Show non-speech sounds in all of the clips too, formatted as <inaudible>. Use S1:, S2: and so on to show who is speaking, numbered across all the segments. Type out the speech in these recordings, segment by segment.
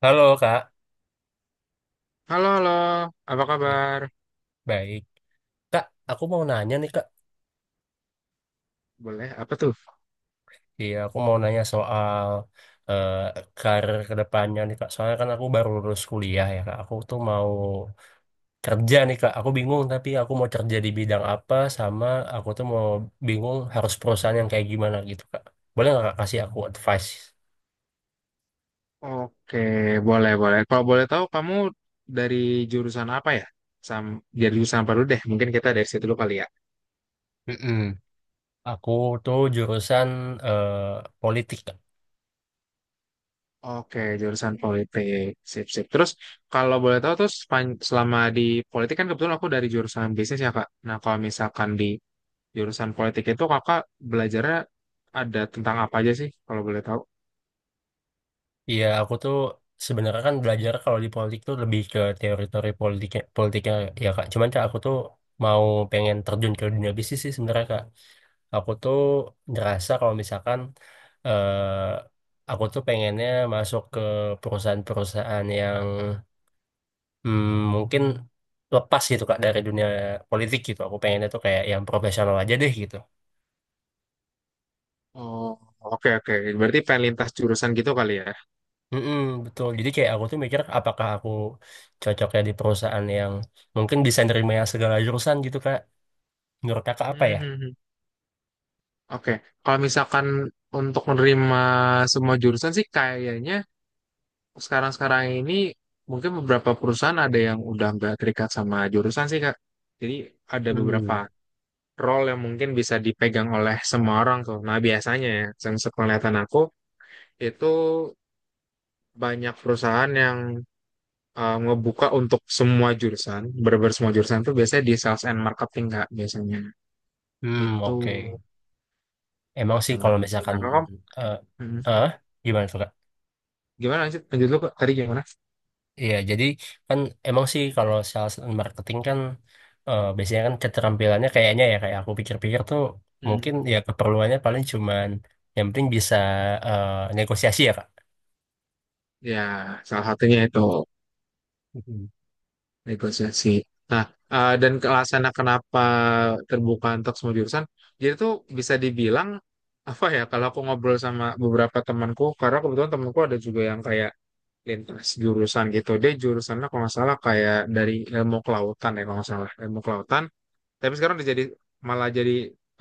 S1: Halo Kak.
S2: Halo, halo. Apa
S1: Ya,
S2: kabar?
S1: baik. Kak, aku mau nanya nih Kak.
S2: Boleh, apa tuh?
S1: Iya, aku mau nanya soal eh, karir ke depannya nih Kak. Soalnya kan aku baru lulus kuliah ya Kak. Aku tuh mau kerja nih Kak. Aku bingung, tapi aku mau kerja di bidang apa, sama aku tuh mau bingung harus perusahaan yang kayak gimana gitu Kak. Boleh nggak Kak kasih aku advice?
S2: Oke, boleh, boleh. Kalau boleh tahu, kamu dari jurusan apa ya? Sam, dari jurusan apa dulu deh? Mungkin kita dari situ dulu kali ya.
S1: Mm-mm. Aku tuh jurusan eh, politik Kak.
S2: Oke, jurusan politik. Sip, sip. Terus, kalau boleh tahu, selama di politik kan kebetulan aku dari jurusan bisnis ya, Kak. Nah, kalau misalkan di jurusan politik itu, Kakak belajarnya ada tentang apa aja sih, kalau boleh tahu?
S1: Iya, aku tuh sebenarnya kan belajar kalau di politik tuh lebih ke teori-teori politiknya, politiknya, ya ya, Kak. Cuman Kak, aku tuh mau pengen terjun ke dunia bisnis sih sebenarnya Kak. Aku tuh ngerasa kalau misalkan eh aku tuh pengennya masuk ke perusahaan-perusahaan yang hmm, mungkin lepas gitu Kak dari dunia politik gitu. Aku pengennya tuh kayak yang profesional aja deh gitu.
S2: Oh, oke, oke. Berarti pengen lintas jurusan gitu kali ya?
S1: Mm-mm, betul. Jadi kayak aku tuh mikir apakah aku cocoknya di perusahaan yang mungkin bisa nerima yang segala jurusan gitu Kak. Menurut Kakak apa ya?
S2: Mhm. Oke, kalau misalkan untuk menerima semua jurusan sih kayaknya sekarang-sekarang ini mungkin beberapa perusahaan ada yang udah nggak terikat sama jurusan sih, Kak. Jadi ada beberapa
S1: Hmm.
S2: role yang mungkin bisa dipegang oleh semua orang tuh. Nah, biasanya ya, yang sepenglihatan aku itu banyak perusahaan yang ngebuka untuk semua jurusan, bener semua jurusan tuh biasanya di sales and marketing, Kak, biasanya.
S1: Hmm,
S2: Itu
S1: oke. Emang
S2: sales
S1: sih
S2: and
S1: kalau
S2: marketing.
S1: misalkan
S2: Nah, Kak,
S1: eh
S2: hmm,
S1: eh, gimana tuh Kak?
S2: gimana lanjut? Lanjut dulu Kak, tadi gimana?
S1: Iya, jadi kan emang sih kalau sales and marketing kan biasanya kan keterampilannya kayaknya ya, kayak aku pikir-pikir tuh
S2: Hmm,
S1: mungkin ya keperluannya paling cuman yang penting bisa eh, negosiasi ya Kak.
S2: ya, salah satunya itu
S1: Mhm.
S2: negosiasi. Nah, dan ke alasannya kenapa terbuka untuk semua jurusan, jadi tuh bisa dibilang apa ya? Kalau aku ngobrol sama beberapa temanku, karena kebetulan temanku ada juga yang kayak lintas jurusan gitu. Dia jurusannya kalau nggak salah kayak dari ilmu kelautan, ya kalau nggak salah ilmu kelautan. Tapi sekarang dia jadi malah jadi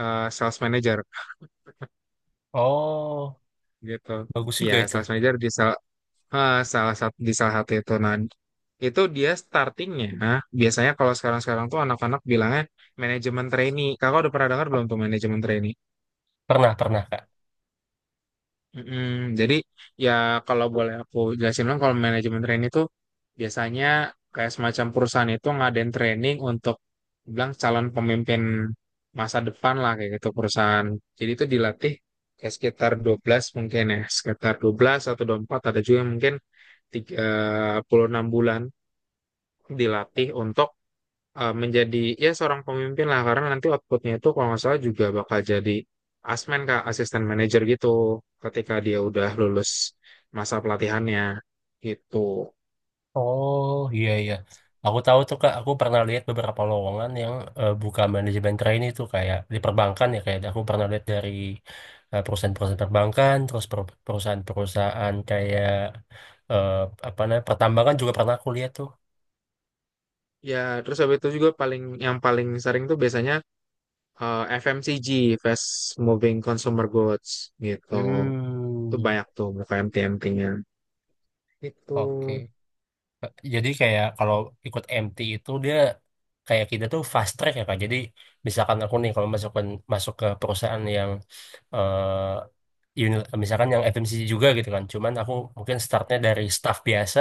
S2: sales manager
S1: Oh,
S2: gitu.
S1: bagus
S2: Iya,
S1: juga itu.
S2: sales manager di salah satu itu. Nah, itu dia startingnya. Nah, biasanya kalau sekarang-sekarang tuh anak-anak bilangnya manajemen trainee. Kakak udah pernah dengar belum tuh, manajemen trainee?
S1: Pernah, pernah Kak.
S2: Mm-mm. Jadi, ya, kalau boleh aku jelasin dong, kalau manajemen training itu biasanya kayak semacam perusahaan itu ngadain training untuk bilang calon pemimpin masa depan lah kayak gitu perusahaan. Jadi itu dilatih kayak sekitar 12 mungkin ya, sekitar 12 atau 24, ada juga yang mungkin puluh enam bulan dilatih untuk menjadi ya seorang pemimpin lah, karena nanti outputnya itu kalau nggak salah juga bakal jadi asmen, Kak, asisten manajer gitu ketika dia udah lulus masa pelatihannya gitu.
S1: Oh, iya iya, aku tahu tuh Kak. Aku pernah lihat beberapa lowongan yang buka manajemen trainee itu kayak di perbankan ya kayak. Aku pernah lihat dari perusahaan-perusahaan perbankan, terus perusahaan-perusahaan kayak eh, apa namanya pertambangan juga pernah aku lihat tuh.
S2: Ya, terus habis itu juga paling yang paling sering tuh biasanya FMCG, Fast Moving Consumer Goods, gitu. Itu
S1: Hmm,
S2: banyak tuh muka MT-MT-nya itu.
S1: oke. Jadi kayak kalau ikut MT itu dia kayak kita tuh fast track ya Kak. Jadi misalkan aku nih kalau masuk ke perusahaan yang misalkan yang FMCG juga gitu kan. Cuman aku mungkin startnya dari staff biasa,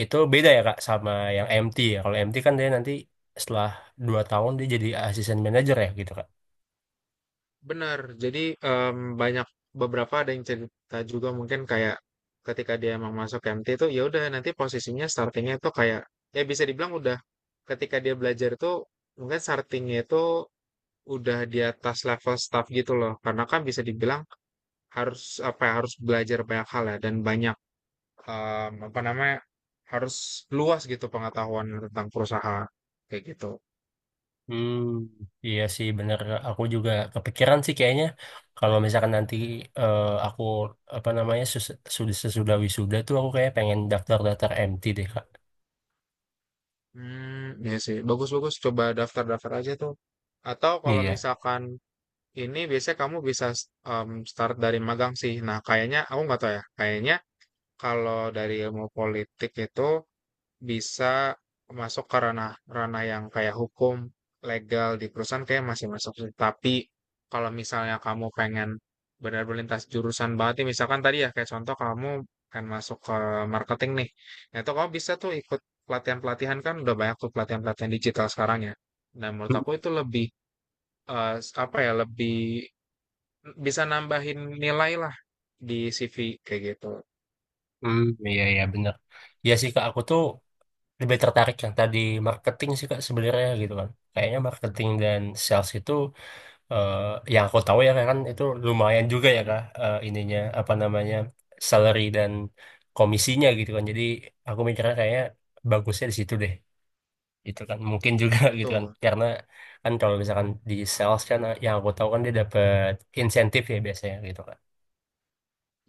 S1: itu beda ya Kak sama yang MT ya. Kalau MT kan dia nanti setelah 2 tahun dia jadi asisten manajer ya gitu Kak.
S2: Benar, jadi, banyak, beberapa ada yang cerita juga mungkin kayak ketika dia emang masuk MT itu ya udah nanti posisinya startingnya itu kayak, ya bisa dibilang udah, ketika dia belajar itu mungkin startingnya itu udah di atas level staff gitu loh. Karena kan bisa dibilang harus apa ya, harus belajar banyak hal ya, dan banyak, apa namanya, harus luas gitu pengetahuan tentang perusahaan kayak gitu.
S1: Hmm, iya sih bener. Aku juga kepikiran sih kayaknya kalau misalkan nanti aku apa namanya sus- sudah sesudah wisuda tuh aku kayak pengen daftar-daftar MT deh Kak.
S2: Hmm, ya sih, bagus bagus, coba daftar-daftar aja tuh. Atau kalau
S1: Iya.
S2: misalkan, ini biasanya kamu bisa start dari magang sih. Nah, kayaknya aku nggak tahu ya. Kayaknya kalau dari ilmu politik itu bisa masuk ke ranah ranah yang kayak hukum legal di perusahaan kayak masih masuk sih. Tapi kalau misalnya kamu pengen benar-benar lintas jurusan banget nih, misalkan tadi ya kayak contoh kamu pengen masuk ke marketing nih. Nah, itu kamu bisa tuh ikut pelatihan-pelatihan, kan udah banyak tuh pelatihan-pelatihan digital sekarang ya. Dan menurut aku itu lebih, eh, apa ya, lebih bisa nambahin nilai lah di CV kayak gitu.
S1: Hmm, iya iya bener. Iya sih Kak, aku tuh lebih tertarik yang tadi marketing sih Kak sebenarnya gitu kan. Kayaknya marketing dan sales itu eh yang aku tahu ya kan, itu lumayan juga ya
S2: Mhm.
S1: Kak, ininya apa namanya, salary dan komisinya gitu kan. Jadi aku mikirnya kayaknya bagusnya di situ deh gitu kan, mungkin juga <laughs> gitu kan,
S2: Betul.
S1: karena kan kalau misalkan di
S2: Heeh.
S1: sales kan, yang aku tahu kan, dia dapat insentif ya biasanya gitu kan.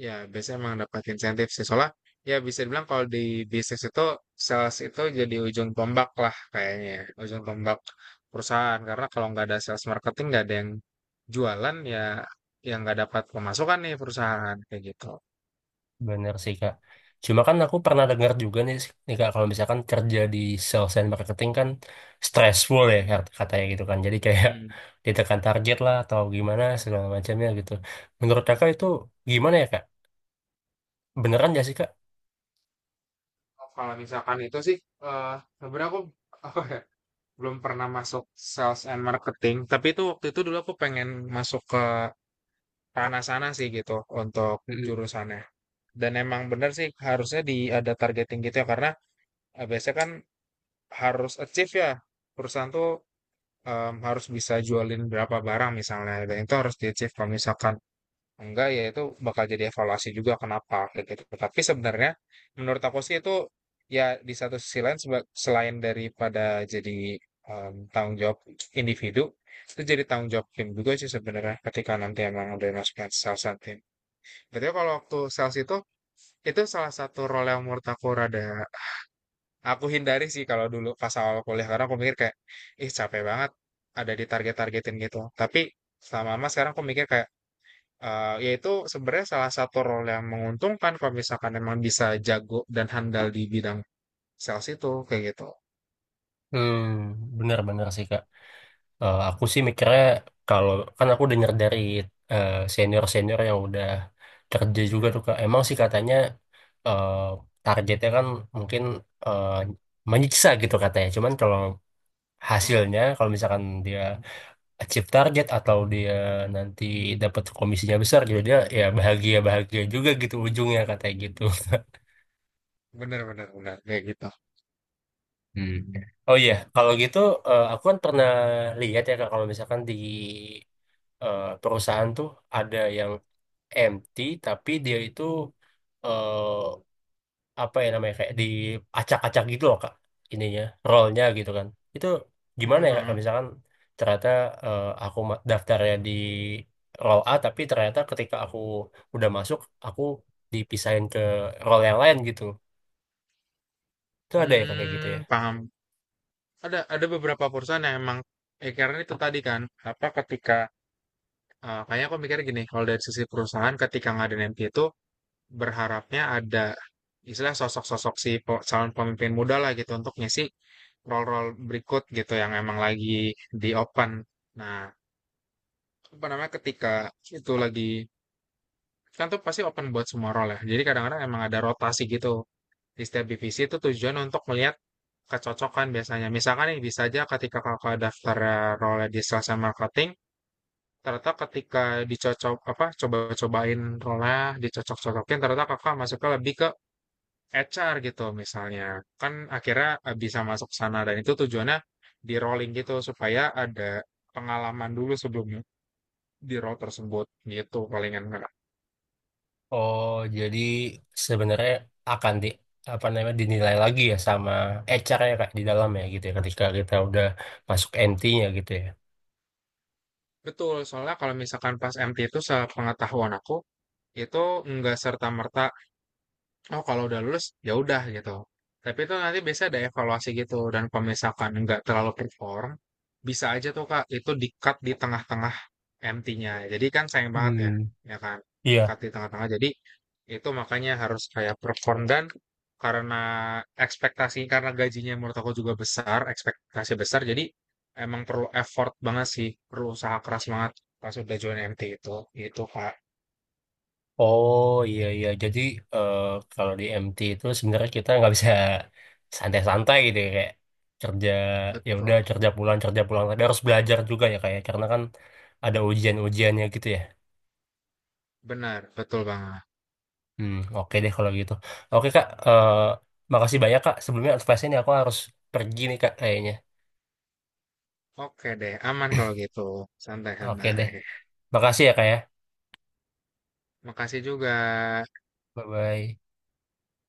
S2: Ya, biasanya emang dapat insentif sih. Soalnya ya bisa dibilang kalau di bisnis itu sales itu jadi ujung tombak lah kayaknya ya, ujung tombak perusahaan. Karena kalau nggak ada sales marketing, nggak ada yang jualan ya, yang nggak dapat pemasukan nih perusahaan kayak gitu.
S1: Bener sih Kak. Cuma kan aku pernah dengar juga nih Kak, kalau misalkan kerja di sales and marketing kan stressful ya
S2: Mhm.
S1: katanya gitu kan. Jadi kayak
S2: Mhm.
S1: <laughs> ditekan target lah atau gimana segala macamnya gitu. Menurut Kakak itu gimana ya Kak? Beneran gak sih Kak?
S2: Oh, kalau misalkan itu sih, eh sebenarnya aku <laughs> belum pernah masuk sales and marketing, tapi itu waktu itu dulu aku pengen masuk ke ranah sana sih gitu untuk
S1: Mm-mm.
S2: jurusannya. Dan emang bener sih, harusnya di ada targeting gitu ya, karena biasanya kan harus achieve ya perusahaan tuh, harus bisa jualin berapa barang misalnya, dan itu harus di achieve kalau misalkan enggak, ya itu bakal jadi evaluasi juga, kenapa kayak gitu. Tapi sebenarnya menurut aku sih itu, ya, di satu sisi lain, selain daripada jadi tanggung jawab individu, itu jadi tanggung jawab tim juga sih sebenarnya, ketika nanti emang udah masuk ke sales and team. Berarti kalau waktu sales itu salah satu role yang menurut aku rada aku hindari sih kalau dulu pas awal kuliah, karena aku mikir kayak ih, capek banget ada ditarget targetin gitu. Tapi selama lama sekarang aku mikir kayak, yaitu sebenarnya salah satu role yang menguntungkan kalau misalkan emang bisa jago dan handal di bidang sales itu kayak gitu.
S1: Hmm, bener-bener sih Kak. Aku sih mikirnya kalau, kan aku dengar dari senior-senior yang udah kerja juga
S2: Hmm.
S1: tuh Kak. Emang sih katanya eh, targetnya kan mungkin eh, menyiksa gitu katanya. Cuman kalau
S2: Oh,
S1: hasilnya, kalau misalkan dia achieve target atau dia nanti dapat komisinya besar gitu, dia ya bahagia-bahagia juga gitu ujungnya katanya gitu. <laughs>
S2: bener bener bener kayak gitu.
S1: Hmm. Oh iya, kalau gitu aku kan pernah lihat ya Kak, kalau misalkan di perusahaan tuh ada yang empty tapi dia itu eh apa ya namanya, kayak diacak-acak gitu loh Kak, ininya rollnya gitu kan. Itu gimana ya Kak,
S2: Mhm.
S1: misalkan ternyata aku daftarnya di roll A tapi ternyata ketika aku udah masuk, aku dipisahin ke roll yang lain gitu, itu ada ya Kak kayak gitu ya?
S2: Hmm, paham. Ada beberapa perusahaan yang emang, karena itu tadi kan, apa, ketika, kayaknya aku mikir gini, kalau dari sisi perusahaan ketika ngadain MT itu berharapnya ada istilah sosok-sosok, calon pemimpin muda lah gitu untuk ngisi role-role berikut gitu yang emang lagi di open. Nah, apa namanya, ketika itu lagi, kan tuh pasti open buat semua role ya. Jadi kadang-kadang emang ada rotasi gitu di setiap divisi itu, tujuan untuk melihat kecocokan biasanya. Misalkan nih, bisa aja ketika kakak daftar role di sales and marketing, ternyata ketika dicocok apa coba-cobain role, dicocok-cocokin ternyata kakak masuknya lebih ke HR gitu misalnya. Kan akhirnya bisa masuk sana, dan itu tujuannya di rolling gitu supaya ada pengalaman dulu sebelum di role tersebut gitu, palingan, Kak.
S1: Oh, jadi sebenarnya akan di apa namanya, dinilai lagi ya sama HR-nya Kak di dalam ya gitu ya, ketika kita udah masuk MT-nya gitu ya.
S2: Betul, soalnya kalau misalkan pas MT itu sepengetahuan aku, itu nggak serta-merta, oh, kalau udah lulus ya udah gitu. Tapi itu nanti biasa ada evaluasi gitu, dan kalau misalkan nggak terlalu perform, bisa aja tuh, Kak, itu di-cut di tengah-tengah MT-nya. Jadi kan sayang banget ya,
S1: Hmm.
S2: ya kan?
S1: Iya.
S2: Di-cut di tengah-tengah. Jadi itu makanya harus kayak perform, dan karena ekspektasi, karena gajinya menurut aku juga besar, ekspektasi besar. Jadi emang perlu effort banget sih, perlu usaha keras banget pas udah join MT itu. Itu, Kak.
S1: Oh iya iya. Jadi eh, kalau di MT itu sebenarnya kita nggak bisa <laughs> santai-santai gitu ya. Kayak kerja, ya udah,
S2: Betul.
S1: kerja pulang kerja pulang. Tapi harus belajar juga ya kayak, karena kan ada ujian-ujiannya gitu ya.
S2: Benar, betul banget.
S1: Hmm, oke deh kalau gitu. Oke Kak. Makasih banyak Kak. Sebelumnya advice ini, aku harus pergi nih Kak kayaknya.
S2: Oke deh, aman kalau gitu.
S1: Oke
S2: Santai-santai.
S1: deh. Makasih ya Kak ya.
S2: Makasih juga.
S1: Bye bye.